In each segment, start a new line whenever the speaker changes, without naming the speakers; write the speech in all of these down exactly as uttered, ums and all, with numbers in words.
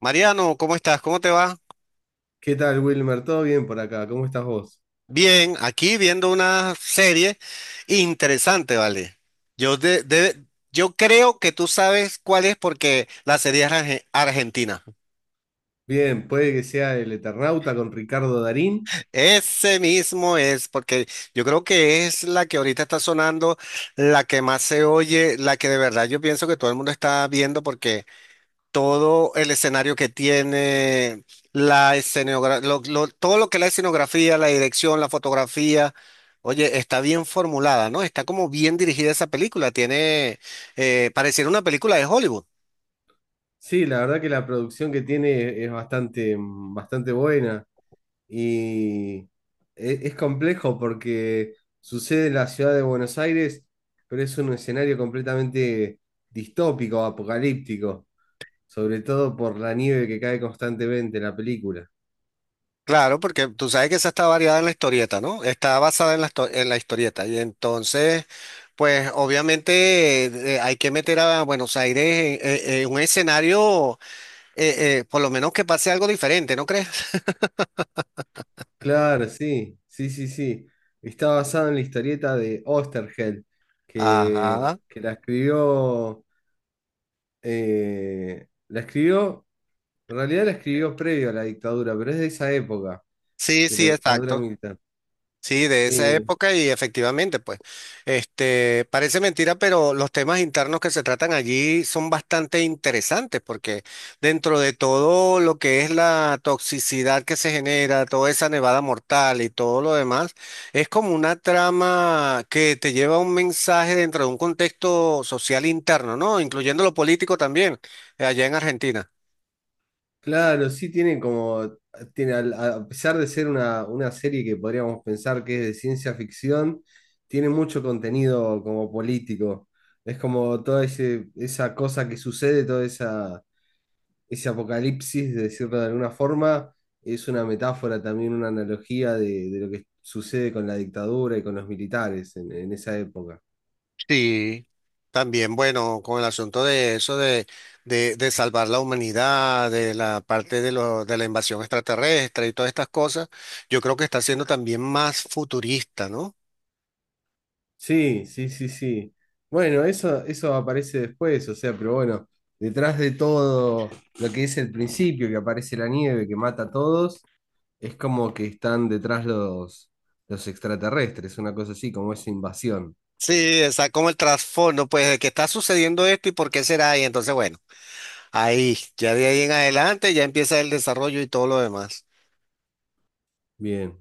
Mariano, ¿cómo estás? ¿Cómo te va?
¿Qué tal, Wilmer? ¿Todo bien por acá? ¿Cómo estás vos?
Bien, aquí viendo una serie interesante, ¿vale? Yo, de- de- yo creo que tú sabes cuál es porque la serie es arge- argentina.
Bien, puede que sea El Eternauta con Ricardo Darín.
Ese mismo es, porque yo creo que es la que ahorita está sonando, la que más se oye, la que de verdad yo pienso que todo el mundo está viendo porque todo el escenario que tiene, la escenografía, todo lo que es la escenografía, la dirección, la fotografía. Oye, está bien formulada, ¿no? Está como bien dirigida esa película. Tiene, eh, pareciera una película de Hollywood.
Sí, la verdad que la producción que tiene es bastante, bastante buena y e- es complejo porque sucede en la ciudad de Buenos Aires, pero es un escenario completamente distópico, apocalíptico, sobre todo por la nieve que cae constantemente en la película.
Claro, porque tú sabes que esa está variada en la historieta, ¿no? Está basada en la, histo- en la historieta. Y entonces, pues obviamente eh, eh, hay que meter a Buenos Aires en, en- en un escenario, eh, eh, por lo menos que pase algo diferente, ¿no crees?
Claro, sí, sí, sí, sí. Está basado en la historieta de Oesterheld, que,
Ajá.
que la escribió, eh, la escribió, en realidad la escribió previo a la dictadura, pero es de esa época,
Sí,
de la
sí,
dictadura
exacto.
militar.
Sí, de esa
Eh,
época y efectivamente, pues, este, parece mentira, pero los temas internos que se tratan allí son bastante interesantes porque dentro de todo lo que es la toxicidad que se genera, toda esa nevada mortal y todo lo demás, es como una trama que te lleva a un mensaje dentro de un contexto social interno, ¿no? Incluyendo lo político también, eh, allá en Argentina.
claro, sí tiene como, tiene, al- a, pesar de ser una, una serie que podríamos pensar que es de ciencia ficción, tiene mucho contenido como político. Es como toda ese, esa cosa que sucede, toda esa ese apocalipsis, de decirlo de alguna forma, es una metáfora también, una analogía de, de lo que sucede con la dictadura y con los militares en, en esa época.
Sí, también, bueno, con el asunto de eso, de, de, de salvar la humanidad, de la parte de, lo, de la invasión extraterrestre y todas estas cosas, yo creo que está siendo también más futurista, ¿no?
Sí, sí, sí, sí. Bueno, eso, eso aparece después, o sea, pero bueno, detrás de todo lo que es el principio, que aparece la nieve, que mata a todos, es como que están detrás los, los extraterrestres, una cosa así, como esa invasión.
Sí, está como el trasfondo, pues, de que está sucediendo esto y por qué será, y entonces, bueno, ahí, ya de ahí en adelante ya empieza el desarrollo y todo lo demás.
Bien,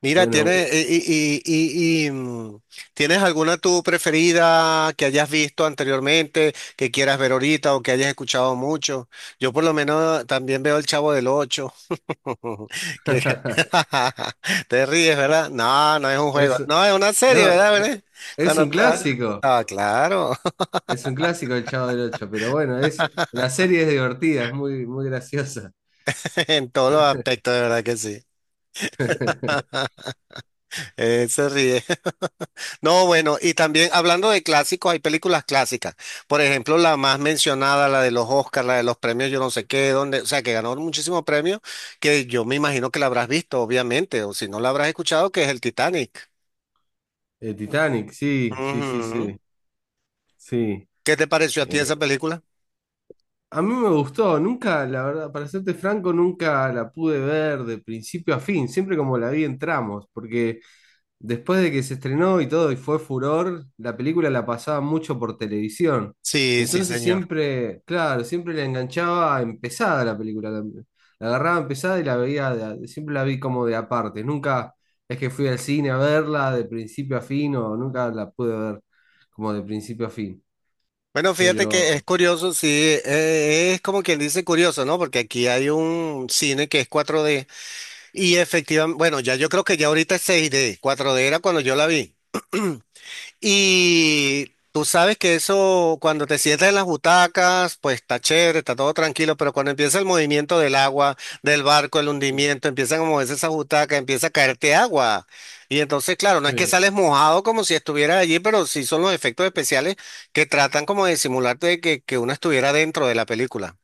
Mira,
bueno,
¿tienes, y, y- y- y, mm, ¿tienes alguna tu preferida que hayas visto anteriormente, que quieras ver ahorita o que hayas escuchado mucho? Yo por lo menos también veo El Chavo del Ocho. Que- que- Te ríes, ¿verdad? No, no es un juego.
es,
No, es una serie,
no,
¿verdad?
e-
¿Verdad?
es
Cuando
un
está-
clásico.
Ah, claro.
Es un clásico el Chavo del Ocho, pero bueno, es, la serie es divertida, es muy, muy graciosa.
En todos los aspectos, de verdad que sí. Eh, se ríe. No, bueno, y también hablando de clásicos, hay películas clásicas. Por ejemplo, la más mencionada, la de los Oscars, la de los premios, yo no sé qué, donde, o sea, que ganó muchísimos premios, que yo me imagino que la habrás visto, obviamente, o si no la habrás escuchado, que es el Titanic.
El Titanic, sí, sí, sí,
Ujú.
sí, sí.
¿Qué te pareció a ti
Eh,
esa película?
a mí me gustó, nunca, la verdad, para serte franco, nunca la pude ver de principio a fin, siempre como la vi en tramos, porque después de que se estrenó y todo y fue furor, la película la pasaba mucho por televisión.
Sí, sí,
Entonces
señor.
siempre, claro, siempre la enganchaba empezada la película. La, la agarraba empezada y la veía, de a- siempre la vi como de aparte. Nunca es que fui al cine a verla de principio a fin o nunca la pude ver como de principio a fin.
Bueno, fíjate que es
Pero,
curioso, sí, eh, es como quien dice curioso, ¿no? Porque aquí hay un cine que es cuatro de y efectivamente, bueno, ya yo creo que ya ahorita es seis de, cuatro de era cuando yo la vi. Y tú sabes que eso, cuando te sientas en las butacas, pues está chévere, está todo tranquilo, pero cuando empieza el movimiento del agua, del barco, el hundimiento, empiezan a moverse esas butacas, empieza a caerte agua. Y entonces, claro, no es que
sí,
sales mojado como si estuvieras allí, pero sí son los efectos especiales que tratan como de simularte que, que uno estuviera dentro de la película.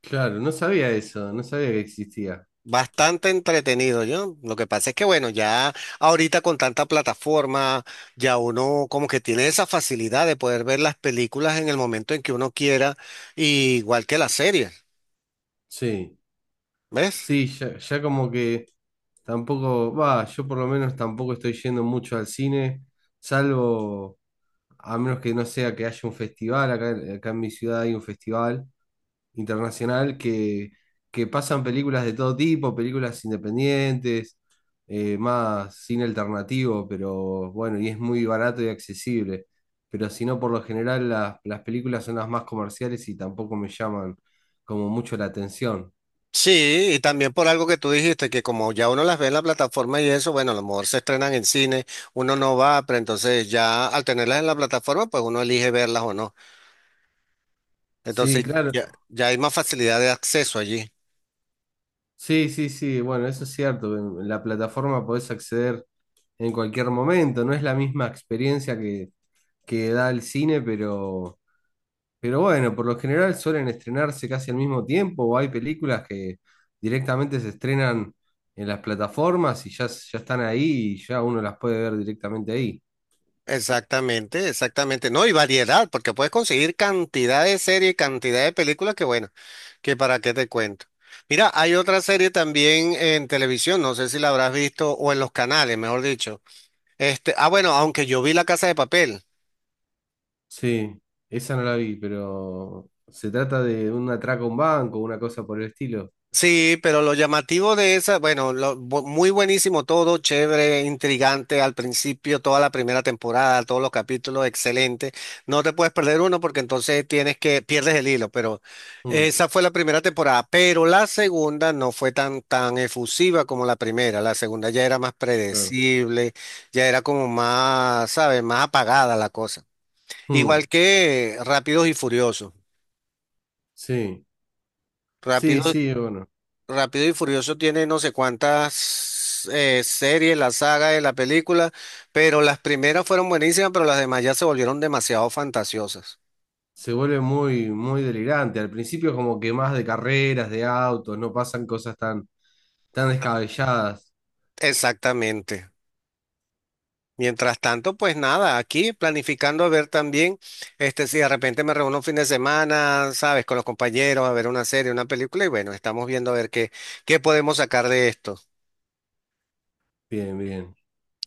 claro, no sabía eso, no sabía que existía.
Bastante entretenido, yo. Lo que pasa es que, bueno, ya ahorita con tanta plataforma, ya uno como que tiene esa facilidad de poder ver las películas en el momento en que uno quiera, y igual que las series,
Sí.
¿ves?
Sí, ya, ya como que tampoco, va, yo por lo menos tampoco estoy yendo mucho al cine, salvo, a menos que no sea que haya un festival, acá, acá en mi ciudad hay un festival internacional que, que pasan películas de todo tipo, películas independientes, eh, más cine alternativo, pero bueno, y es muy barato y accesible. Pero si no, por lo general las, las películas son las más comerciales y tampoco me llaman como mucho la atención.
Sí, y también por algo que tú dijiste, que como ya uno las ve en la plataforma y eso, bueno, a lo mejor se estrenan en cine, uno no va, pero entonces ya al tenerlas en la plataforma, pues uno elige verlas o no.
Sí,
Entonces
claro.
ya, ya hay más facilidad de acceso allí.
Sí, sí, sí, bueno, eso es cierto. En la plataforma podés acceder en cualquier momento. No es la misma experiencia que, que da el cine, pero, pero bueno, por lo general suelen estrenarse casi al mismo tiempo o hay películas que directamente se estrenan en las plataformas y ya, ya están ahí y ya uno las puede ver directamente ahí.
Exactamente, exactamente. No, y variedad, porque puedes conseguir cantidad de series y cantidad de películas que bueno, que para qué te cuento. Mira, hay otra serie también en televisión, no sé si la habrás visto, o en los canales, mejor dicho. Este, ah, bueno, aunque yo vi La Casa de Papel.
Sí, esa no la vi, pero se trata de un atraco a un banco, una cosa por el estilo.
Sí, pero lo llamativo de esa, bueno, lo bu- muy buenísimo todo, chévere, intrigante al principio, toda la primera temporada, todos los capítulos, excelente. No te puedes perder uno porque entonces tienes que, pierdes el hilo, pero
Mm,
esa fue la primera temporada, pero la segunda no fue tan, tan efusiva como la primera. La segunda ya era más
claro.
predecible, ya era como más, ¿sabes? Más apagada la cosa.
Mm,
Igual que Rápidos y Furiosos.
sí, sí,
Rápidos
sí, bueno.
Rápido y Furioso tiene no sé cuántas eh, series, la saga de la película, pero las primeras fueron buenísimas, pero las demás ya se volvieron demasiado fantasiosas.
Se vuelve muy, muy delirante. Al principio es como que más de carreras, de autos, no pasan cosas tan, tan descabelladas.
Exactamente. Mientras tanto, pues nada, aquí planificando a ver también, este, si de repente me reúno un fin de semana, sabes, con los compañeros a ver una serie, una película, y bueno, estamos viendo a ver qué, qué podemos sacar de esto.
Bien, bien.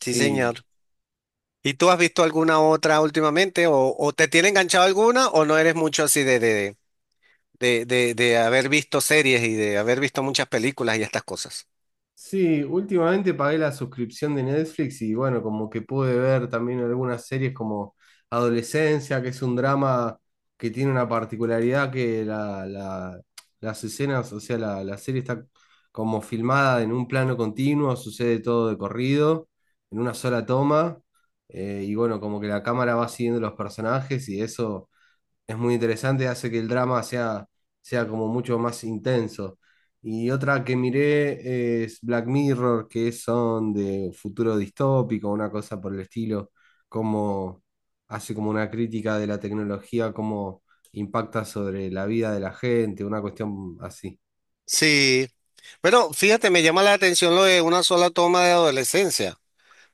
Sí, señor. ¿Y tú has visto alguna otra últimamente? ¿O, o te tiene enganchado alguna o no eres mucho así de, de, de de, de, de haber visto series y de haber visto muchas películas y estas cosas.
sí, últimamente pagué la suscripción de Netflix y bueno, como que pude ver también algunas series como Adolescencia, que es un drama que tiene una particularidad que la, la- las escenas, o sea, la, la serie está como filmada en un plano continuo, sucede todo de corrido, en una sola toma, eh, y bueno, como que la cámara va siguiendo los personajes y eso es muy interesante, hace que el drama sea, sea como mucho más intenso. Y otra que miré es Black Mirror, que son de futuro distópico, una cosa por el estilo, como hace como una crítica de la tecnología, cómo impacta sobre la vida de la gente, una cuestión así.
Sí. Bueno, fíjate, me llama la atención lo de una sola toma de adolescencia.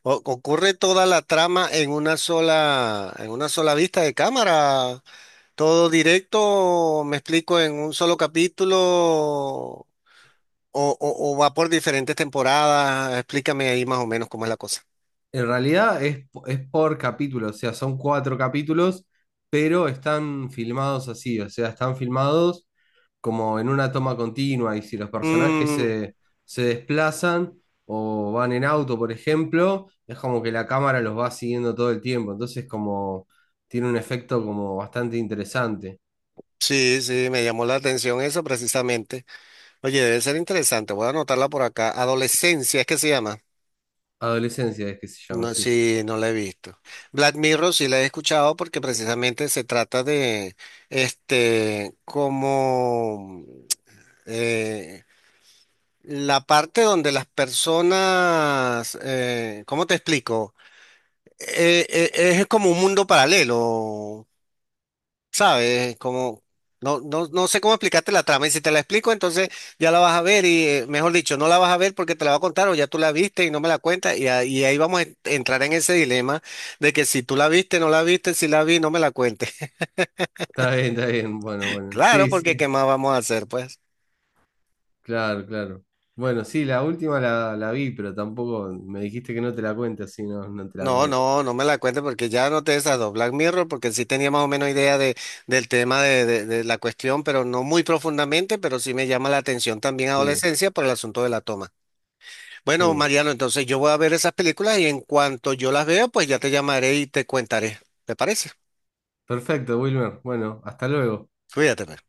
O- ocurre toda la trama en una sola, en una sola vista de cámara. Todo directo, me explico, en un solo capítulo o, o- o va por diferentes temporadas. Explícame ahí más o menos cómo es la cosa.
En realidad es, es por capítulo, o sea, son cuatro capítulos, pero están filmados así, o sea, están filmados como en una toma continua y si los personajes
Mm,
se, se desplazan o van en auto, por ejemplo, es como que la cámara los va siguiendo todo el tiempo, entonces como tiene un efecto como bastante interesante.
sí, sí, me llamó la atención eso precisamente. Oye, debe ser interesante. Voy a anotarla por acá. Adolescencia, es que se llama.
Adolescencia es que se llama,
No,
sí.
sí, no la he visto. Black Mirror sí la he escuchado porque precisamente se trata de, este, como eh, la parte donde las personas, eh, ¿cómo te explico? Eh, eh, es como un mundo paralelo, ¿sabes? Como, no, no, no sé cómo explicarte la trama. Y si te la explico, entonces ya la vas a ver y, eh, mejor dicho, no la vas a ver porque te la va a contar o ya tú la viste y no me la cuentas. Y, a- y ahí vamos a en- entrar en ese dilema de que si tú la viste, no la viste, si la vi, no me la cuentes.
Está bien, está bien, bueno, bueno,
Claro,
sí, sí,
porque ¿qué más vamos a hacer, pues?
claro, claro. Bueno, sí, la última la, la vi, pero tampoco me dijiste que no te la cuente, así no, no te la
No,
cuento.
no, no me la cuentes porque ya no te desado Black Mirror, porque sí tenía más o menos idea de, del tema de, de, de la cuestión, pero no muy profundamente, pero sí me llama la atención también
Sí,
adolescencia por el asunto de la toma. Bueno,
sí.
Mariano, entonces yo voy a ver esas películas y en cuanto yo las vea, pues ya te llamaré y te contaré. ¿Te parece?
Perfecto, Wilmer. Bueno, hasta luego.
Cuídate. Pues.